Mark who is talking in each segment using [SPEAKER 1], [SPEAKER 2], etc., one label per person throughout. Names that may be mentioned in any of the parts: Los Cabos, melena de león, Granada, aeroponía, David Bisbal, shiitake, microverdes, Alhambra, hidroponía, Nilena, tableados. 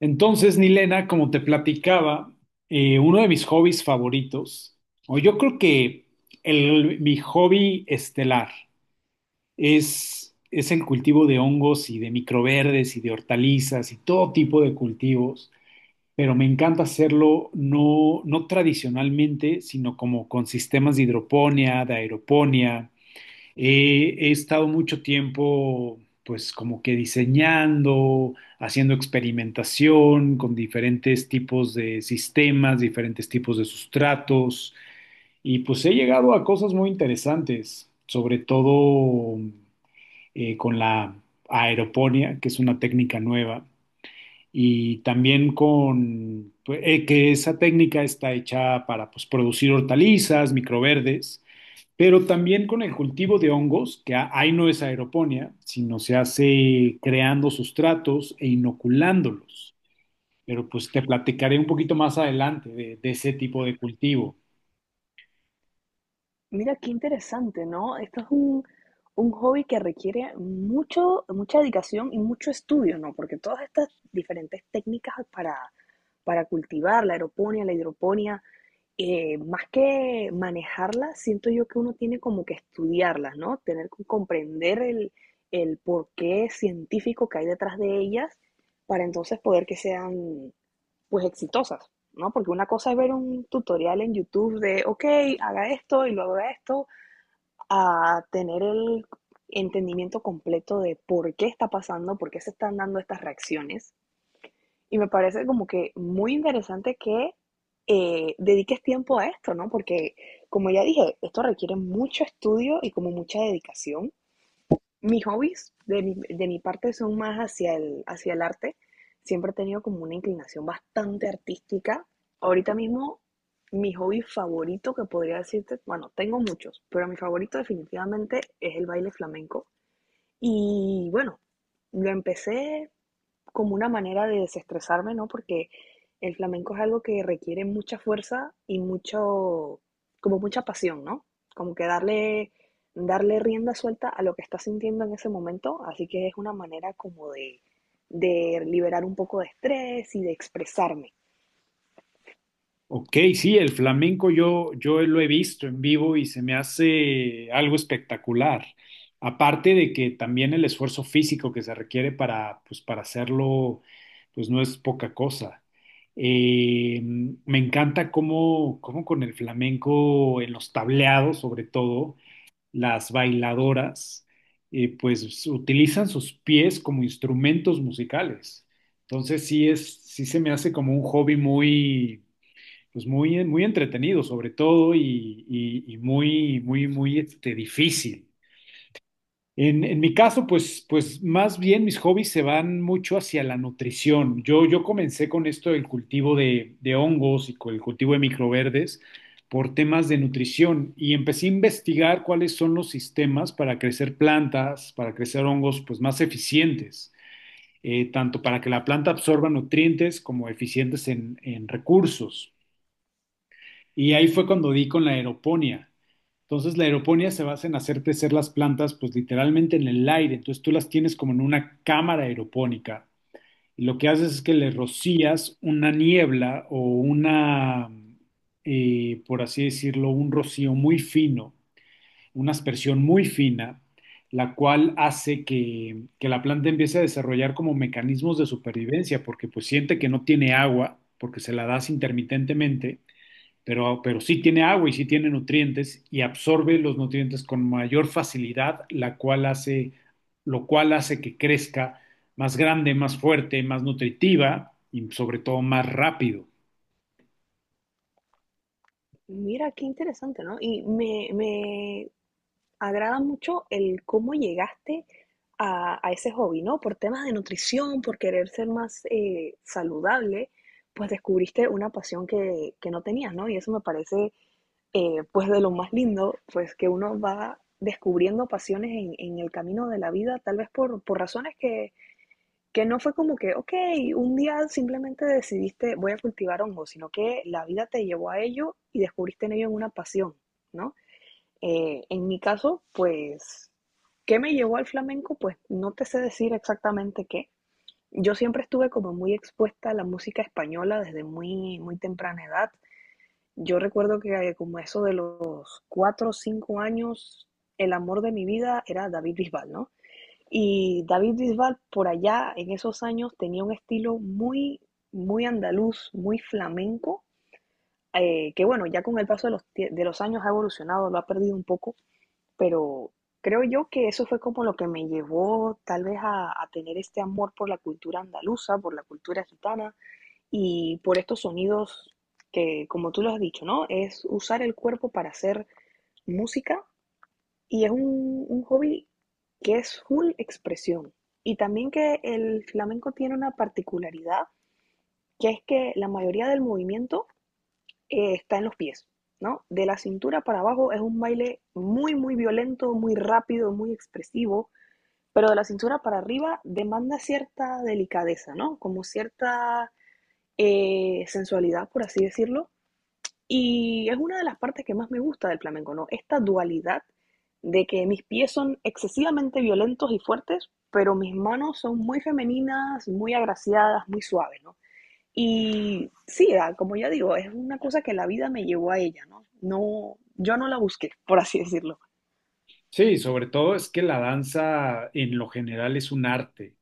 [SPEAKER 1] Entonces, Nilena, como te platicaba, uno de mis hobbies favoritos, o yo creo que mi hobby estelar es el cultivo de hongos y de microverdes y de hortalizas y todo tipo de cultivos, pero me encanta hacerlo no tradicionalmente, sino como con sistemas de hidroponía, de aeroponía. He estado mucho tiempo, pues como que diseñando, haciendo experimentación con diferentes tipos de sistemas, diferentes tipos de sustratos, y pues he llegado a cosas muy interesantes, sobre todo con la aeroponía, que es una técnica nueva, y también con pues, que esa técnica está hecha para pues, producir hortalizas, microverdes. Pero también con el cultivo de hongos, que ahí no es aeroponía, sino se hace creando sustratos e inoculándolos. Pero pues te platicaré un poquito más adelante de ese tipo de cultivo.
[SPEAKER 2] Mira, qué interesante, ¿no? Esto es un hobby que requiere mucho, mucha dedicación y mucho estudio, ¿no? Porque todas estas diferentes técnicas para cultivar la aeroponía, la hidroponía, más que manejarlas, siento yo que uno tiene como que estudiarlas, ¿no? Tener que comprender el porqué científico que hay detrás de ellas para entonces poder que sean, pues, exitosas, ¿no? Porque una cosa es ver un tutorial en YouTube de, ok, haga esto y luego haga esto, a tener el entendimiento completo de por qué está pasando, por qué se están dando estas reacciones. Y me parece como que muy interesante que dediques tiempo a esto, ¿no? Porque, como ya dije, esto requiere mucho estudio y como mucha dedicación. Mis hobbies de mi parte son más hacia el arte. Siempre he tenido como una inclinación bastante artística. Ahorita mismo, mi hobby favorito que podría decirte, bueno, tengo muchos, pero mi favorito definitivamente es el baile flamenco. Y bueno, lo empecé como una manera de desestresarme, ¿no? Porque el flamenco es algo que requiere mucha fuerza y mucho, como mucha pasión, ¿no? Como que darle rienda suelta a lo que estás sintiendo en ese momento, así que es una manera como de liberar un poco de estrés y de expresarme.
[SPEAKER 1] Ok, sí, el flamenco yo lo he visto en vivo y se me hace algo espectacular. Aparte de que también el esfuerzo físico que se requiere para, pues, para hacerlo, pues no es poca cosa. Eh, Me encanta cómo con el flamenco en los tableados, sobre todo, las bailadoras, pues utilizan sus pies como instrumentos musicales. Entonces sí se me hace como un hobby muy pues muy, muy entretenido sobre todo y muy, muy, muy este, difícil. En mi caso, pues, pues más bien mis hobbies se van mucho hacia la nutrición. Yo comencé con esto del cultivo de hongos y con el cultivo de microverdes por temas de nutrición y empecé a investigar cuáles son los sistemas para crecer plantas, para crecer hongos, pues más eficientes, tanto para que la planta absorba nutrientes como eficientes en recursos. Y ahí fue cuando di con la aeroponía. Entonces la aeroponía se basa en hacer crecer las plantas pues literalmente en el aire. Entonces tú las tienes como en una cámara aeropónica y lo que haces es que le rocías una niebla o una, por así decirlo, un rocío muy fino, una aspersión muy fina, la cual hace que la planta empiece a desarrollar como mecanismos de supervivencia porque pues siente que no tiene agua porque se la das intermitentemente pero sí tiene agua y sí tiene nutrientes y absorbe los nutrientes con mayor facilidad, lo cual hace que crezca más grande, más fuerte, más nutritiva y sobre todo más rápido.
[SPEAKER 2] Mira, qué interesante, ¿no? Y agrada mucho el cómo llegaste a ese hobby, ¿no? Por temas de nutrición, por querer ser más saludable, pues descubriste una pasión que no tenías, ¿no? Y eso me parece, pues, de lo más lindo, pues, que uno va descubriendo pasiones en el camino de la vida, tal vez por razones que no fue como que, ok, un día simplemente decidiste voy a cultivar hongos, sino que la vida te llevó a ello y descubriste en ello una pasión, ¿no? En mi caso, pues, ¿qué me llevó al flamenco? Pues no te sé decir exactamente qué. Yo siempre estuve como muy expuesta a la música española desde muy, muy temprana edad. Yo recuerdo que como eso de los cuatro o cinco años, el amor de mi vida era David Bisbal, ¿no? Y David Bisbal por allá en esos años tenía un estilo muy, muy andaluz, muy flamenco, que bueno, ya con el paso de los años ha evolucionado, lo ha perdido un poco, pero creo yo que eso fue como lo que me llevó tal vez a tener este amor por la cultura andaluza, por la cultura gitana y por estos sonidos que, como tú lo has dicho, ¿no? Es usar el cuerpo para hacer música y es un hobby que es full expresión. Y también que el flamenco tiene una particularidad, que es que la mayoría del movimiento está en los pies, ¿no? De la cintura para abajo es un baile muy, muy violento, muy rápido, muy expresivo, pero de la cintura para arriba demanda cierta delicadeza, ¿no? Como cierta sensualidad, por así decirlo. Y es una de las partes que más me gusta del flamenco, ¿no? Esta dualidad de que mis pies son excesivamente violentos y fuertes, pero mis manos son muy femeninas, muy agraciadas, muy suaves, ¿no? Y sí, ah, como ya digo, es una cosa que la vida me llevó a ella, ¿no? No, yo no la busqué, por así decirlo.
[SPEAKER 1] Sí, sobre todo es que la danza en lo general es un arte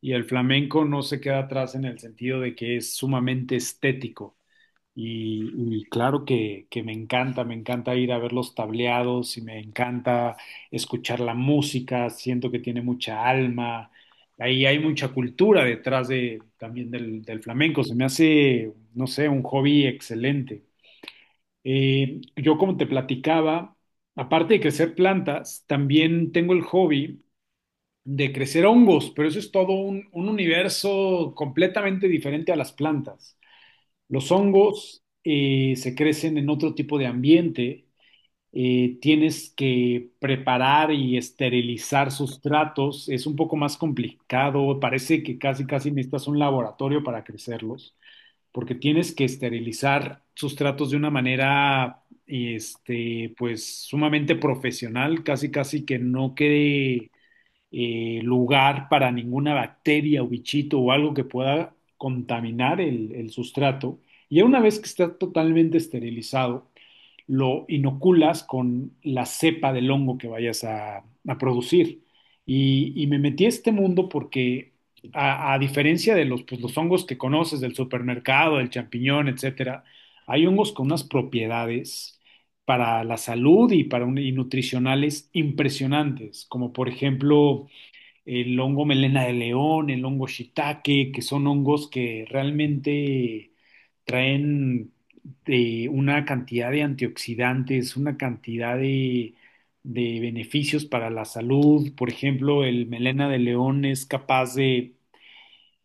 [SPEAKER 1] y el flamenco no se queda atrás en el sentido de que es sumamente estético. Y claro que me encanta ir a ver los tableados y me encanta escuchar la música. Siento que tiene mucha alma, ahí hay mucha cultura detrás de, también del flamenco. Se me hace, no sé, un hobby excelente. Yo como te platicaba, aparte de crecer plantas, también tengo el hobby de crecer hongos, pero eso es todo un universo completamente diferente a las plantas. Los hongos se crecen en otro tipo de ambiente. Tienes que preparar y esterilizar sustratos. Es un poco más complicado. Parece que casi casi necesitas un laboratorio para crecerlos, porque tienes que esterilizar sustratos de una manera, este, pues sumamente profesional, casi casi que no quede lugar para ninguna bacteria o bichito o algo que pueda contaminar el sustrato. Y ya una vez que está totalmente esterilizado, lo inoculas con la cepa del hongo que vayas a producir. Y me metí a este mundo porque, a diferencia de los, pues, los hongos que conoces del supermercado, del champiñón, etcétera, hay hongos con unas propiedades para la salud y para nutricionales impresionantes, como por ejemplo el hongo melena de león, el hongo shiitake, que son hongos que realmente traen una cantidad de antioxidantes, una cantidad de beneficios para la salud. Por ejemplo, el melena de león es capaz de,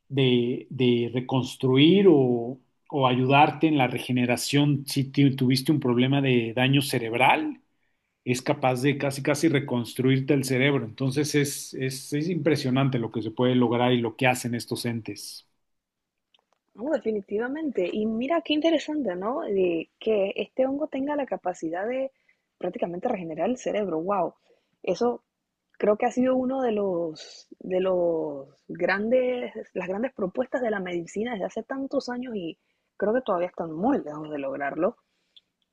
[SPEAKER 1] reconstruir o ayudarte en la regeneración si tuviste un problema de daño cerebral, es capaz de casi casi reconstruirte el cerebro. Entonces es impresionante lo que se puede lograr y lo que hacen estos entes.
[SPEAKER 2] No, definitivamente. Y mira qué interesante, ¿no? De que este hongo tenga la capacidad de prácticamente regenerar el cerebro. Wow. Eso creo que ha sido uno de los grandes propuestas de la medicina desde hace tantos años y creo que todavía están muy lejos de lograrlo.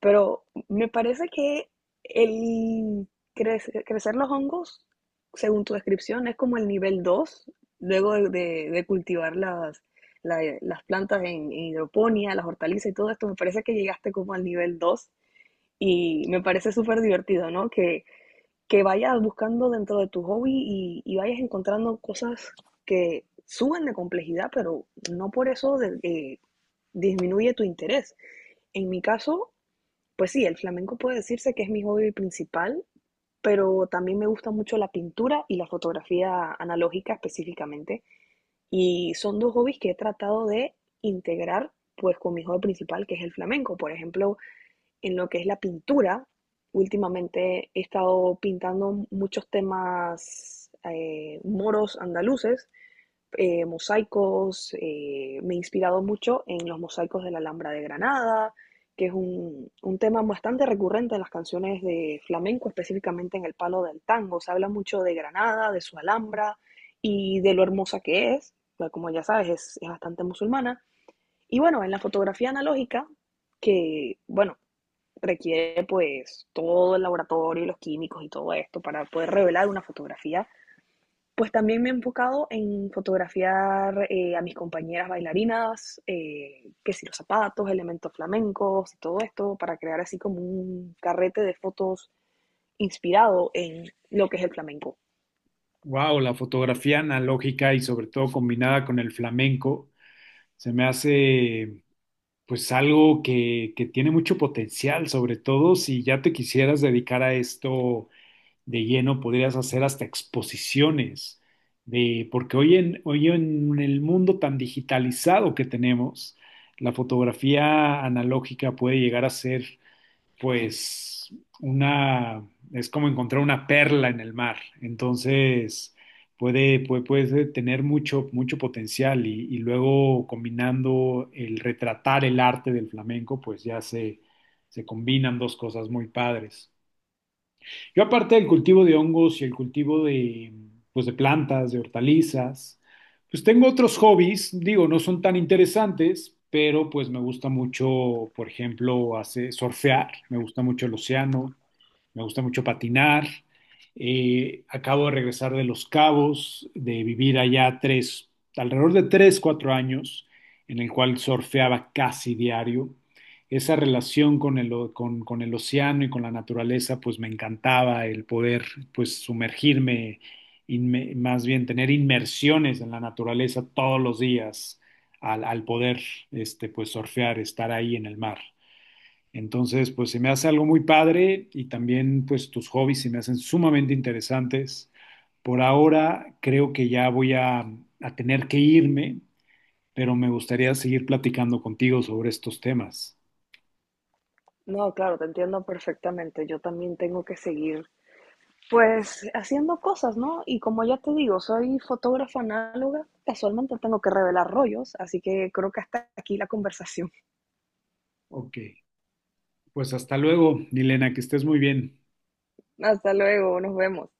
[SPEAKER 2] Pero me parece que el crecer los hongos, según tu descripción, es como el nivel 2 luego de cultivar las plantas en hidroponía, las hortalizas y todo esto, me parece que llegaste como al nivel 2 y me parece súper divertido, ¿no? Que vayas buscando dentro de tu hobby y vayas encontrando cosas que suben de complejidad, pero no por eso disminuye tu interés. En mi caso, pues sí, el flamenco puede decirse que es mi hobby principal, pero también me gusta mucho la pintura y la fotografía analógica específicamente. Y son dos hobbies que he tratado de integrar pues con mi hobby principal, que es el flamenco. Por ejemplo, en lo que es la pintura, últimamente he estado pintando muchos temas moros andaluces, mosaicos, me he inspirado mucho en los mosaicos de la Alhambra de Granada, que es un tema bastante recurrente en las canciones de flamenco, específicamente en el palo del tango. Se habla mucho de Granada, de su Alhambra y de lo hermosa que es, pues, como ya sabes, es bastante musulmana. Y bueno, en la fotografía analógica, que bueno, requiere pues todo el laboratorio y los químicos y todo esto para poder revelar una fotografía, pues también me he enfocado en fotografiar a mis compañeras bailarinas, que si los zapatos, elementos flamencos y todo esto, para crear así como un carrete de fotos inspirado en lo que es el flamenco.
[SPEAKER 1] Wow, la fotografía analógica y sobre todo combinada con el flamenco se me hace pues algo que tiene mucho potencial, sobre todo si ya te quisieras dedicar a esto de lleno. Podrías hacer hasta exposiciones, de, porque hoy en el mundo tan digitalizado que tenemos, la fotografía analógica puede llegar a ser, pues, una, es como encontrar una perla en el mar. Entonces, puede tener mucho, mucho potencial y luego combinando el retratar el arte del flamenco, pues ya se combinan dos cosas muy padres. Yo aparte del cultivo de hongos y el cultivo de, pues, de plantas, de hortalizas, pues tengo otros hobbies, digo, no son tan interesantes, pero pues me gusta mucho, por ejemplo, hacer, surfear. Me gusta mucho el océano, me gusta mucho patinar. Acabo de regresar de Los Cabos, de vivir allá 3, alrededor de 3, 4 años, en el cual surfeaba casi diario. Esa relación con el océano y con la naturaleza, pues me encantaba el poder, pues sumergirme, más bien tener inmersiones en la naturaleza todos los días al, al poder, este, pues surfear, estar ahí en el mar. Entonces, pues se me hace algo muy padre y también, pues tus hobbies se me hacen sumamente interesantes. Por ahora creo que ya voy a tener que irme, pero me gustaría seguir platicando contigo sobre estos temas.
[SPEAKER 2] No, claro, te entiendo perfectamente. Yo también tengo que seguir, pues, haciendo cosas, ¿no? Y como ya te digo, soy fotógrafa análoga, casualmente tengo que revelar rollos, así que creo que hasta aquí la conversación.
[SPEAKER 1] Ok. Pues hasta luego, Milena, que estés muy bien.
[SPEAKER 2] Hasta luego, nos vemos.